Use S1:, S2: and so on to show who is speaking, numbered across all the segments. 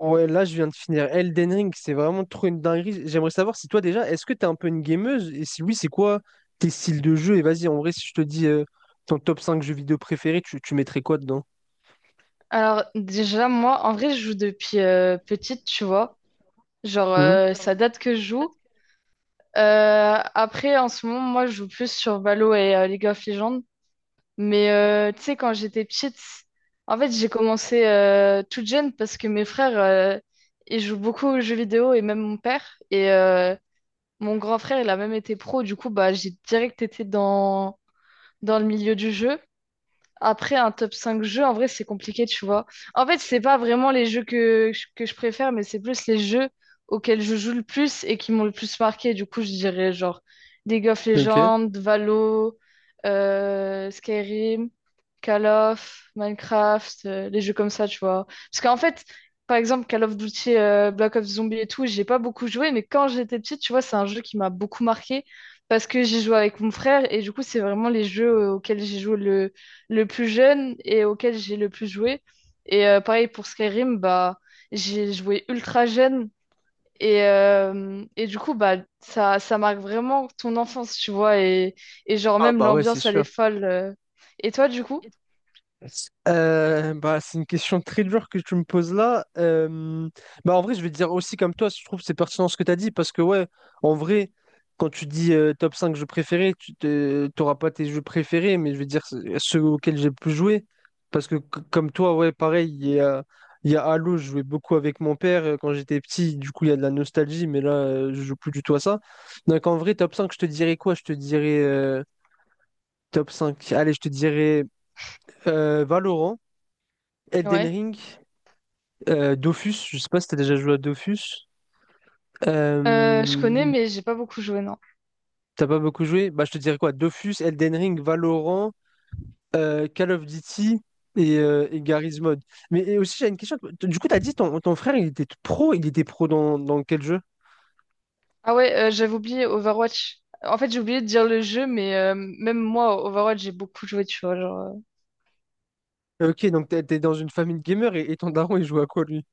S1: Ouais, là, je viens de finir Elden Ring, c'est vraiment trop une dinguerie. J'aimerais savoir si toi déjà, est-ce que t'es un peu une gameuse? Et si oui, c'est quoi tes styles de jeu? Et vas-y, en vrai, si je te dis ton top 5 jeux vidéo préférés, tu mettrais quoi dedans?
S2: Alors déjà, moi, en vrai, je joue depuis petite, tu vois. Genre,
S1: Hmm. Genre, en
S2: ça date que je
S1: fait,
S2: joue. Après, en ce moment, moi, je joue plus sur Valo et League of Legends. Mais tu sais, quand j'étais petite, en fait, j'ai commencé toute jeune parce que mes frères, ils jouent beaucoup aux jeux vidéo et même mon père. Et mon grand frère, il a même été pro. Du coup, bah, j'ai direct été dans le milieu du jeu. Après, un top 5 jeux, en vrai, c'est compliqué, tu vois. En fait, c'est pas vraiment les jeux que je préfère, mais c'est plus les jeux auxquels je joue le plus et qui m'ont le plus marqué. Du coup, je dirais genre League of
S1: ok.
S2: Legends, Valo, Skyrim, Call of, Minecraft, les jeux comme ça, tu vois. Parce qu'en fait, par exemple, Call of Duty, Black Ops Zombie et tout, j'ai pas beaucoup joué, mais quand j'étais petite, tu vois, c'est un jeu qui m'a beaucoup marqué parce que j'ai joué avec mon frère et du coup, c'est vraiment les jeux auxquels j'ai joué le plus jeune et auquel j'ai le plus joué. Et pareil pour Skyrim, bah, j'ai joué ultra jeune. Et du coup, bah, ça marque vraiment ton enfance, tu vois. Et genre,
S1: Ah
S2: même
S1: bah ouais, c'est
S2: l'ambiance, elle est
S1: sûr.
S2: folle. Et toi, du coup?
S1: Bah, c'est une question très dure que tu me poses là. Bah, en vrai, je vais te dire aussi comme toi, je trouve que c'est pertinent ce que tu as dit parce que, ouais, en vrai, quand tu dis top 5 jeux préférés, tu n'auras pas tes jeux préférés, mais je vais dire ceux auxquels j'ai le plus joué. Parce que, comme toi, ouais, pareil, il y a Halo, je jouais beaucoup avec mon père quand j'étais petit, du coup, il y a de la nostalgie, mais là, je joue plus du tout à ça. Donc, en vrai, top 5 je te dirais quoi? Je te dirais top cinq. Allez, je te dirais Valorant. Elden
S2: Ouais.
S1: Ring, Dofus, je sais pas si t'as déjà joué à Dofus.
S2: Je connais,
S1: Euh,
S2: mais j'ai pas beaucoup joué, non.
S1: T'as pas beaucoup joué? Bah je te dirais quoi? Dofus, Elden Ring, Valorant, Call of Duty et Garry's Mod. Mais et aussi j'ai une question. Du coup t'as dit ton frère il était pro dans quel jeu?
S2: Ah ouais, j'avais oublié Overwatch. En fait, j'ai oublié de dire le jeu, mais même moi, Overwatch, j'ai beaucoup joué, tu vois.
S1: Ok, donc t'es dans une famille de gamers et ton daron il joue à quoi lui?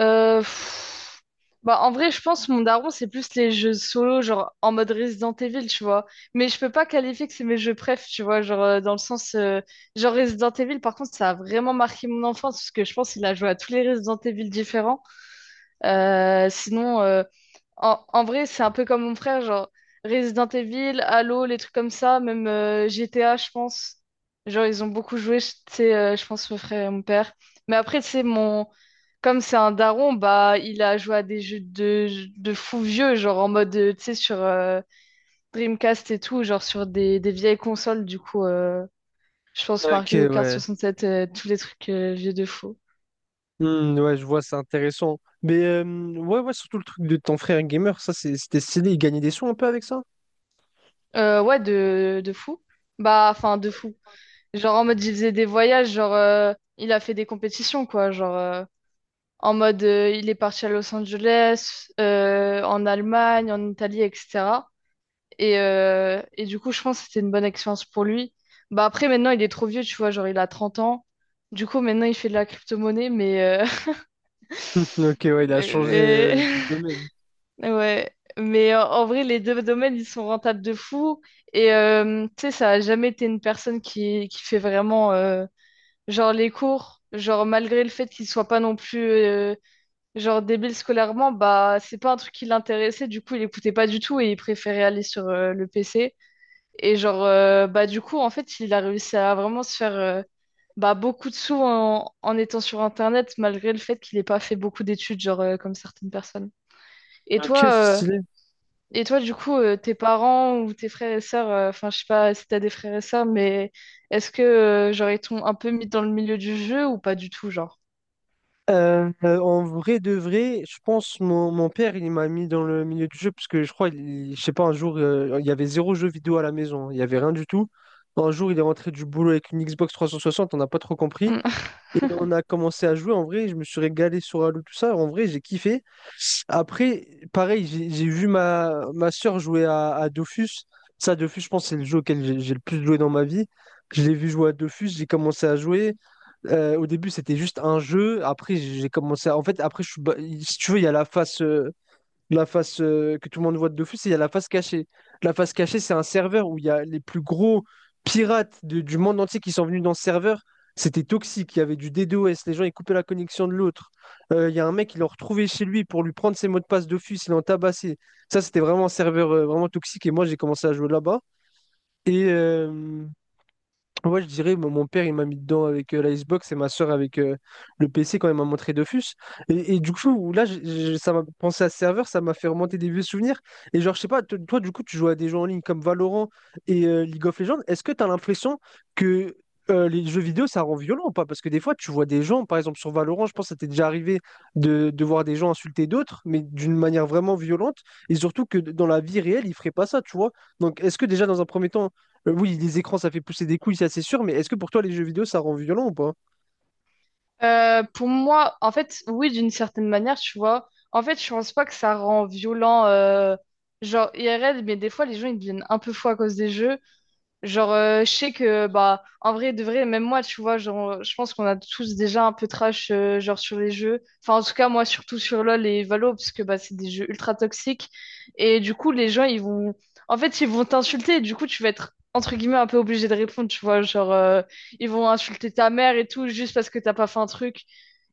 S2: Euh, pff, Bah, en vrai, je pense que mon daron, c'est plus les jeux solo, genre en mode Resident Evil, tu vois. Mais je peux pas qualifier que c'est mes jeux préf, tu vois. Genre, dans le sens. Genre, Resident Evil, par contre, ça a vraiment marqué mon enfance, parce que je pense qu'il a joué à tous les Resident Evil différents. Sinon, en vrai, c'est un peu comme mon frère, genre Resident Evil, Halo, les trucs comme ça, même GTA, je pense. Genre, ils ont beaucoup joué, tu sais, je pense, mon frère et mon père. Mais après, tu sais, comme c'est un daron, bah, il a joué à des jeux de fou vieux, genre en mode, tu sais, sur Dreamcast et tout, genre sur des vieilles consoles, du coup, je pense
S1: Ok,
S2: Mario Kart
S1: ouais.
S2: 67, tous les trucs vieux de fou.
S1: Hmm, ouais, je vois, c'est intéressant. Mais ouais, surtout le truc de ton frère gamer, c'était stylé, il gagnait des sous un peu avec ça?
S2: Ouais, de fou. Bah, enfin, de fou. Genre en mode il faisait des voyages, genre il a fait des compétitions quoi, genre en mode il est parti à Los Angeles, en Allemagne, en Italie, etc. Et du coup je pense que c'était une bonne expérience pour lui. Bah après maintenant il est trop vieux, tu vois, genre il a 30 ans. Du coup maintenant il fait de la crypto-monnaie, mais,
S1: Ok, ouais, il a changé
S2: mais,
S1: de domaine.
S2: ouais. Mais en vrai les deux domaines ils sont rentables de fou. Et tu sais ça a jamais été une personne qui fait vraiment... Genre les cours, genre malgré le fait qu'il soit pas non plus genre débile scolairement, bah c'est pas un truc qui l'intéressait, du coup il écoutait pas du tout et il préférait aller sur le PC. Et genre bah du coup en fait il a réussi à vraiment se faire bah beaucoup de sous en étant sur internet malgré le fait qu'il ait pas fait beaucoup d'études genre comme certaines personnes. Et
S1: Ok,
S2: toi
S1: c'est
S2: euh,
S1: stylé.
S2: et toi du coup tes parents ou tes frères et sœurs, enfin je sais pas si t'as des frères et sœurs, mais est-ce que genre ils t'ont un peu mis dans le milieu du jeu ou pas du tout genre?
S1: En vrai de vrai, je pense mon père il m'a mis dans le milieu du jeu parce que je crois, je sais pas, un jour il y avait zéro jeu vidéo à la maison, hein. Il y avait rien du tout. Un jour il est rentré du boulot avec une Xbox 360, on n'a pas trop compris
S2: Mm.
S1: et on a commencé à jouer. En vrai, je me suis régalé sur Halo tout ça. En vrai, j'ai kiffé. Après, pareil, j'ai vu ma soeur jouer à Dofus. Ça, Dofus, je pense, c'est le jeu auquel j'ai le plus joué dans ma vie. Je l'ai vu jouer à Dofus, j'ai commencé à jouer. Au début, c'était juste un jeu. Après, j'ai commencé à... En fait, après, si tu veux, il y a la phase, la face que tout le monde voit de d'office, il y a la face cachée. La face cachée, c'est un serveur où il y a les plus gros pirates du monde entier qui sont venus dans ce serveur. C'était toxique, il y avait du DDoS, les gens ils coupaient la connexion de l'autre. Il y a un mec, ils l'ont retrouvé chez lui pour lui prendre ses mots de passe d'office, ils l'ont tabassé. Ça, c'était vraiment un serveur vraiment toxique et moi j'ai commencé à jouer là-bas. Et, euh, Moi je dirais, mon père, il m'a mis dedans avec la Xbox et ma soeur avec le PC quand elle m'a montré Dofus. Et du coup, là, ça m'a pensé à ce serveur, ça m'a fait remonter des vieux souvenirs. Et genre, je sais pas, toi, du coup, tu joues à des jeux en ligne comme Valorant et League of Legends. Est-ce que tu as l'impression que les jeux vidéo, ça rend violent ou pas? Parce que des fois, tu vois des gens, par exemple, sur Valorant, je pense que ça t'est déjà arrivé de voir des gens insulter d'autres, mais d'une manière vraiment violente. Et surtout que dans la vie réelle, ils feraient pas ça, tu vois. Donc, est-ce que déjà, dans un premier temps, oui, les écrans, ça fait pousser des couilles, ça c'est sûr, mais est-ce que pour toi, les jeux vidéo, ça rend violent ou pas?
S2: Pour moi, en fait, oui, d'une certaine manière, tu vois. En fait, je pense pas que ça rend violent, genre IRL, mais des fois, les gens, ils deviennent un peu fous à cause des jeux. Genre, je sais que, bah, en vrai, de vrai, même moi, tu vois, genre, je pense qu'on a tous déjà un peu trash, genre, sur les jeux. Enfin, en tout cas, moi, surtout sur LoL et Valo, parce que, bah, c'est des jeux ultra toxiques. Et du coup, les gens, ils vont, en fait, ils vont t'insulter. Et du coup, tu vas être, entre guillemets, un peu obligé de répondre, tu vois. Genre, ils vont insulter ta mère et tout, juste parce que t'as pas fait un truc.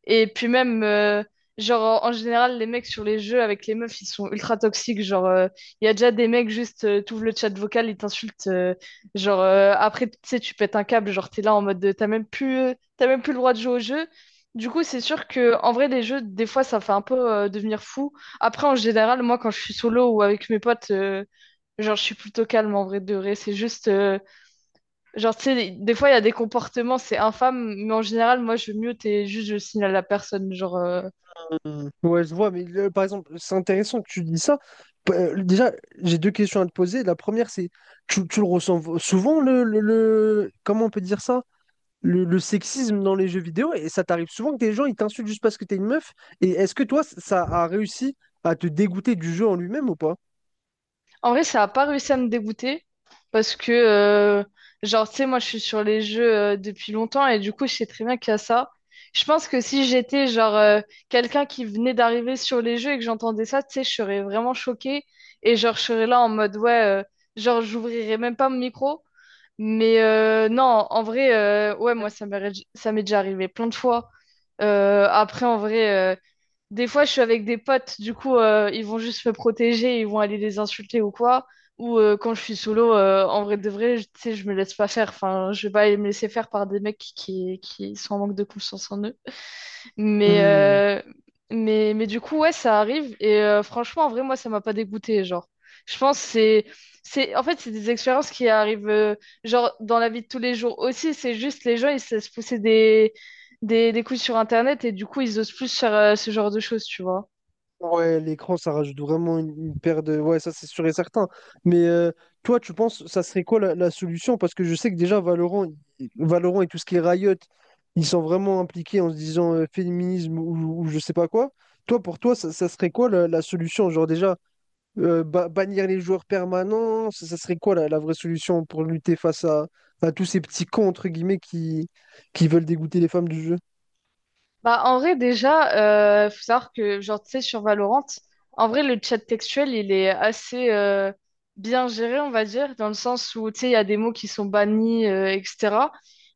S2: Et puis même, genre, en général, les mecs sur les jeux avec les meufs, ils sont ultra toxiques. Genre, il y a déjà des mecs, juste, t'ouvres le chat vocal, ils t'insultent. Genre, après, tu sais, tu pètes un câble. Genre, t'es là en mode, de, t'as même plus le droit de jouer au jeu. Du coup, c'est sûr que, en vrai, les jeux, des fois, ça fait un peu devenir fou. Après, en général, moi, quand je suis solo ou avec mes potes, genre, je suis plutôt calme en vrai de vrai. C'est juste, genre, tu sais, des fois, il y a des comportements, c'est infâme, mais en général, moi, je mute et juste je signale à la personne. Genre,
S1: Hmm. Ouais, je vois, mais par exemple, c'est intéressant que tu dis ça. Déjà, j'ai deux questions à te poser. La première, c'est, tu le ressens souvent, comment on peut dire ça? Le sexisme dans les jeux vidéo, et ça t'arrive souvent que des gens, ils t'insultent juste parce que t'es une meuf, et est-ce que toi, ça a réussi à te dégoûter du jeu en lui-même ou pas?
S2: en vrai, ça a pas réussi à me dégoûter parce que, genre, tu sais, moi, je suis sur les jeux depuis longtemps et du coup, je sais très bien qu'il y a ça. Je pense que si j'étais, genre, quelqu'un qui venait d'arriver sur les jeux et que j'entendais ça, tu sais, je serais vraiment choquée et, genre, je serais là en mode, ouais, genre, j'ouvrirais même pas mon micro. Mais non, en vrai, ouais, moi, ça m'est déjà arrivé plein de fois. Après, en vrai, des fois, je suis avec des potes, du coup, ils vont juste me protéger, ils vont aller les insulter ou quoi. Ou quand je suis solo, en vrai de vrai, tu sais, je me laisse pas faire. Enfin, je vais pas aller me laisser faire par des mecs qui sont en manque de confiance en eux. Mais,
S1: Hmm.
S2: euh, mais, du coup, ouais, ça arrive. Et franchement, en vrai, moi, ça m'a pas dégoûté, genre. Je pense que c'est, en fait, c'est des expériences qui arrivent, genre, dans la vie de tous les jours aussi. C'est juste les gens, ils se laissent pousser des couilles sur Internet et du coup, ils osent plus faire ce genre de choses, tu vois.
S1: Ouais, l'écran, ça rajoute vraiment une paire de... Ouais, ça c'est sûr et certain. Mais toi, tu penses, ça serait quoi la solution? Parce que je sais que déjà, Valorant, Valorant et tout ce qui est Riot, ils sont vraiment impliqués en se disant féminisme ou je sais pas quoi. Toi, pour toi, ça serait quoi la solution? Genre déjà, bannir les joueurs permanents, ça serait quoi la vraie solution pour lutter face à tous ces petits cons, entre guillemets, qui veulent dégoûter les femmes du jeu?
S2: Bah, en vrai, déjà, faut savoir que, genre, tu sais, sur Valorant, en vrai, le chat textuel, il est assez bien géré, on va dire, dans le sens où, tu sais, il y a des mots qui sont bannis, etc.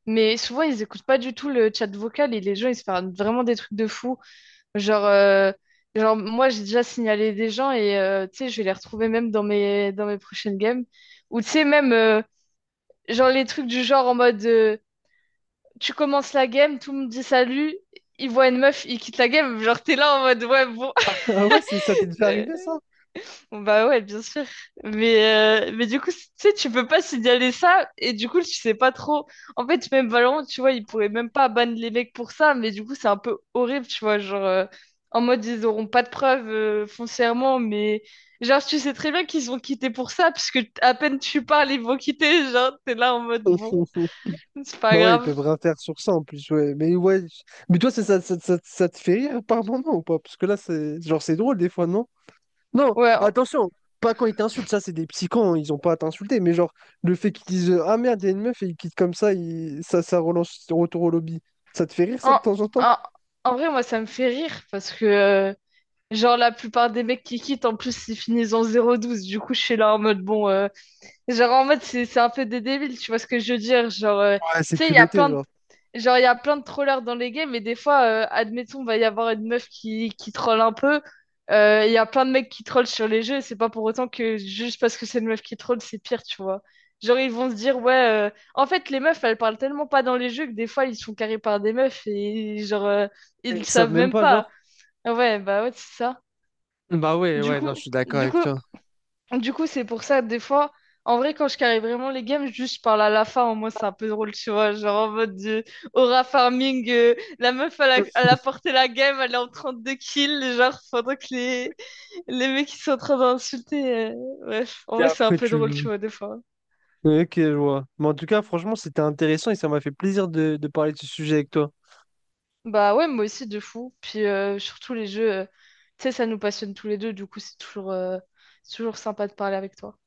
S2: Mais souvent, ils écoutent pas du tout le chat vocal et les gens, ils se font vraiment des trucs de fou. Genre, genre moi, j'ai déjà signalé des gens et, tu sais, je vais les retrouver même dans mes prochaines games. Ou, tu sais, même, genre, les trucs du genre en mode. Tu commences la game, tout me dit salut, il voit une meuf, il quitte la game, genre t'es là en mode ouais bon.
S1: Ah ouais, c'est, ça t'est déjà arrivé, ça?
S2: Bon, bah ouais, bien sûr. Mais, mais du coup, tu sais, tu peux pas signaler ça et du coup, tu sais pas trop. En fait, même Valorant, tu vois, ils pourraient même pas ban les mecs pour ça, mais du coup, c'est un peu horrible, tu vois, genre en mode ils auront pas de preuves foncièrement, mais genre tu sais très bien qu'ils ont quitté pour ça puisque à peine tu parles, ils vont quitter, genre t'es là en mode bon, c'est pas
S1: Bah ouais, ils
S2: grave.
S1: peuvent rien faire sur ça en plus, ouais. Mais ouais. Mais toi, ça te fait rire par moment ou pas? Parce que là, c'est genre c'est drôle des fois, non? Non,
S2: Ouais.
S1: attention, pas quand ils t'insultent, ça c'est des petits cons, ils ont pas à t'insulter, mais genre le fait qu'ils disent ah merde, il y a une meuf et ils quittent comme ça, ça, ça relance retour au lobby. Ça te fait rire ça de
S2: En,
S1: temps en temps?
S2: en- en vrai, moi, ça me fait rire parce que, genre, la plupart des mecs qui quittent, en plus, ils finissent en 0-12. Du coup, je suis là en mode, bon, genre, en mode, c'est un peu des débiles, tu vois ce que je veux dire? Genre,
S1: Ouais,
S2: tu
S1: c'est
S2: sais, il y a
S1: culotté,
S2: plein de...
S1: genre.
S2: Genre, il y a plein de trollers dans les games, et des fois, admettons, va y avoir une meuf qui troll un peu. Il y a plein de mecs qui trollent sur les jeux, et c'est pas pour autant que juste parce que c'est une meuf qui troll, c'est pire, tu vois. Genre, ils vont se dire, ouais, en fait, les meufs, elles parlent tellement pas dans les jeux que des fois, ils se font carrer par des meufs, et genre, ils
S1: Ils
S2: le
S1: savent
S2: savent
S1: même
S2: même
S1: pas,
S2: pas.
S1: genre.
S2: Ah ouais, bah ouais, c'est ça.
S1: Bah ouais,
S2: Du
S1: ouais,
S2: coup,
S1: non, je suis d'accord
S2: du
S1: avec
S2: coup,
S1: toi.
S2: du coup, c'est pour ça, des fois, en vrai, quand je carry vraiment les games, juste je parle à la Lafa, en moi, c'est un peu drôle, tu vois. Genre en mode Aura Farming, la meuf, elle a porté la game, elle est en 32 kills, genre, pendant que les mecs, ils sont en train d'insulter. Bref, en
S1: Et
S2: vrai, c'est un
S1: après,
S2: peu
S1: tu...
S2: drôle, tu vois, des fois.
S1: Ok, je vois. Mais en tout cas, franchement, c'était intéressant et ça m'a fait plaisir de parler de ce sujet avec toi.
S2: Bah ouais, moi aussi, de fou. Puis surtout, les jeux, tu sais, ça nous passionne tous les deux, du coup, c'est toujours sympa de parler avec toi.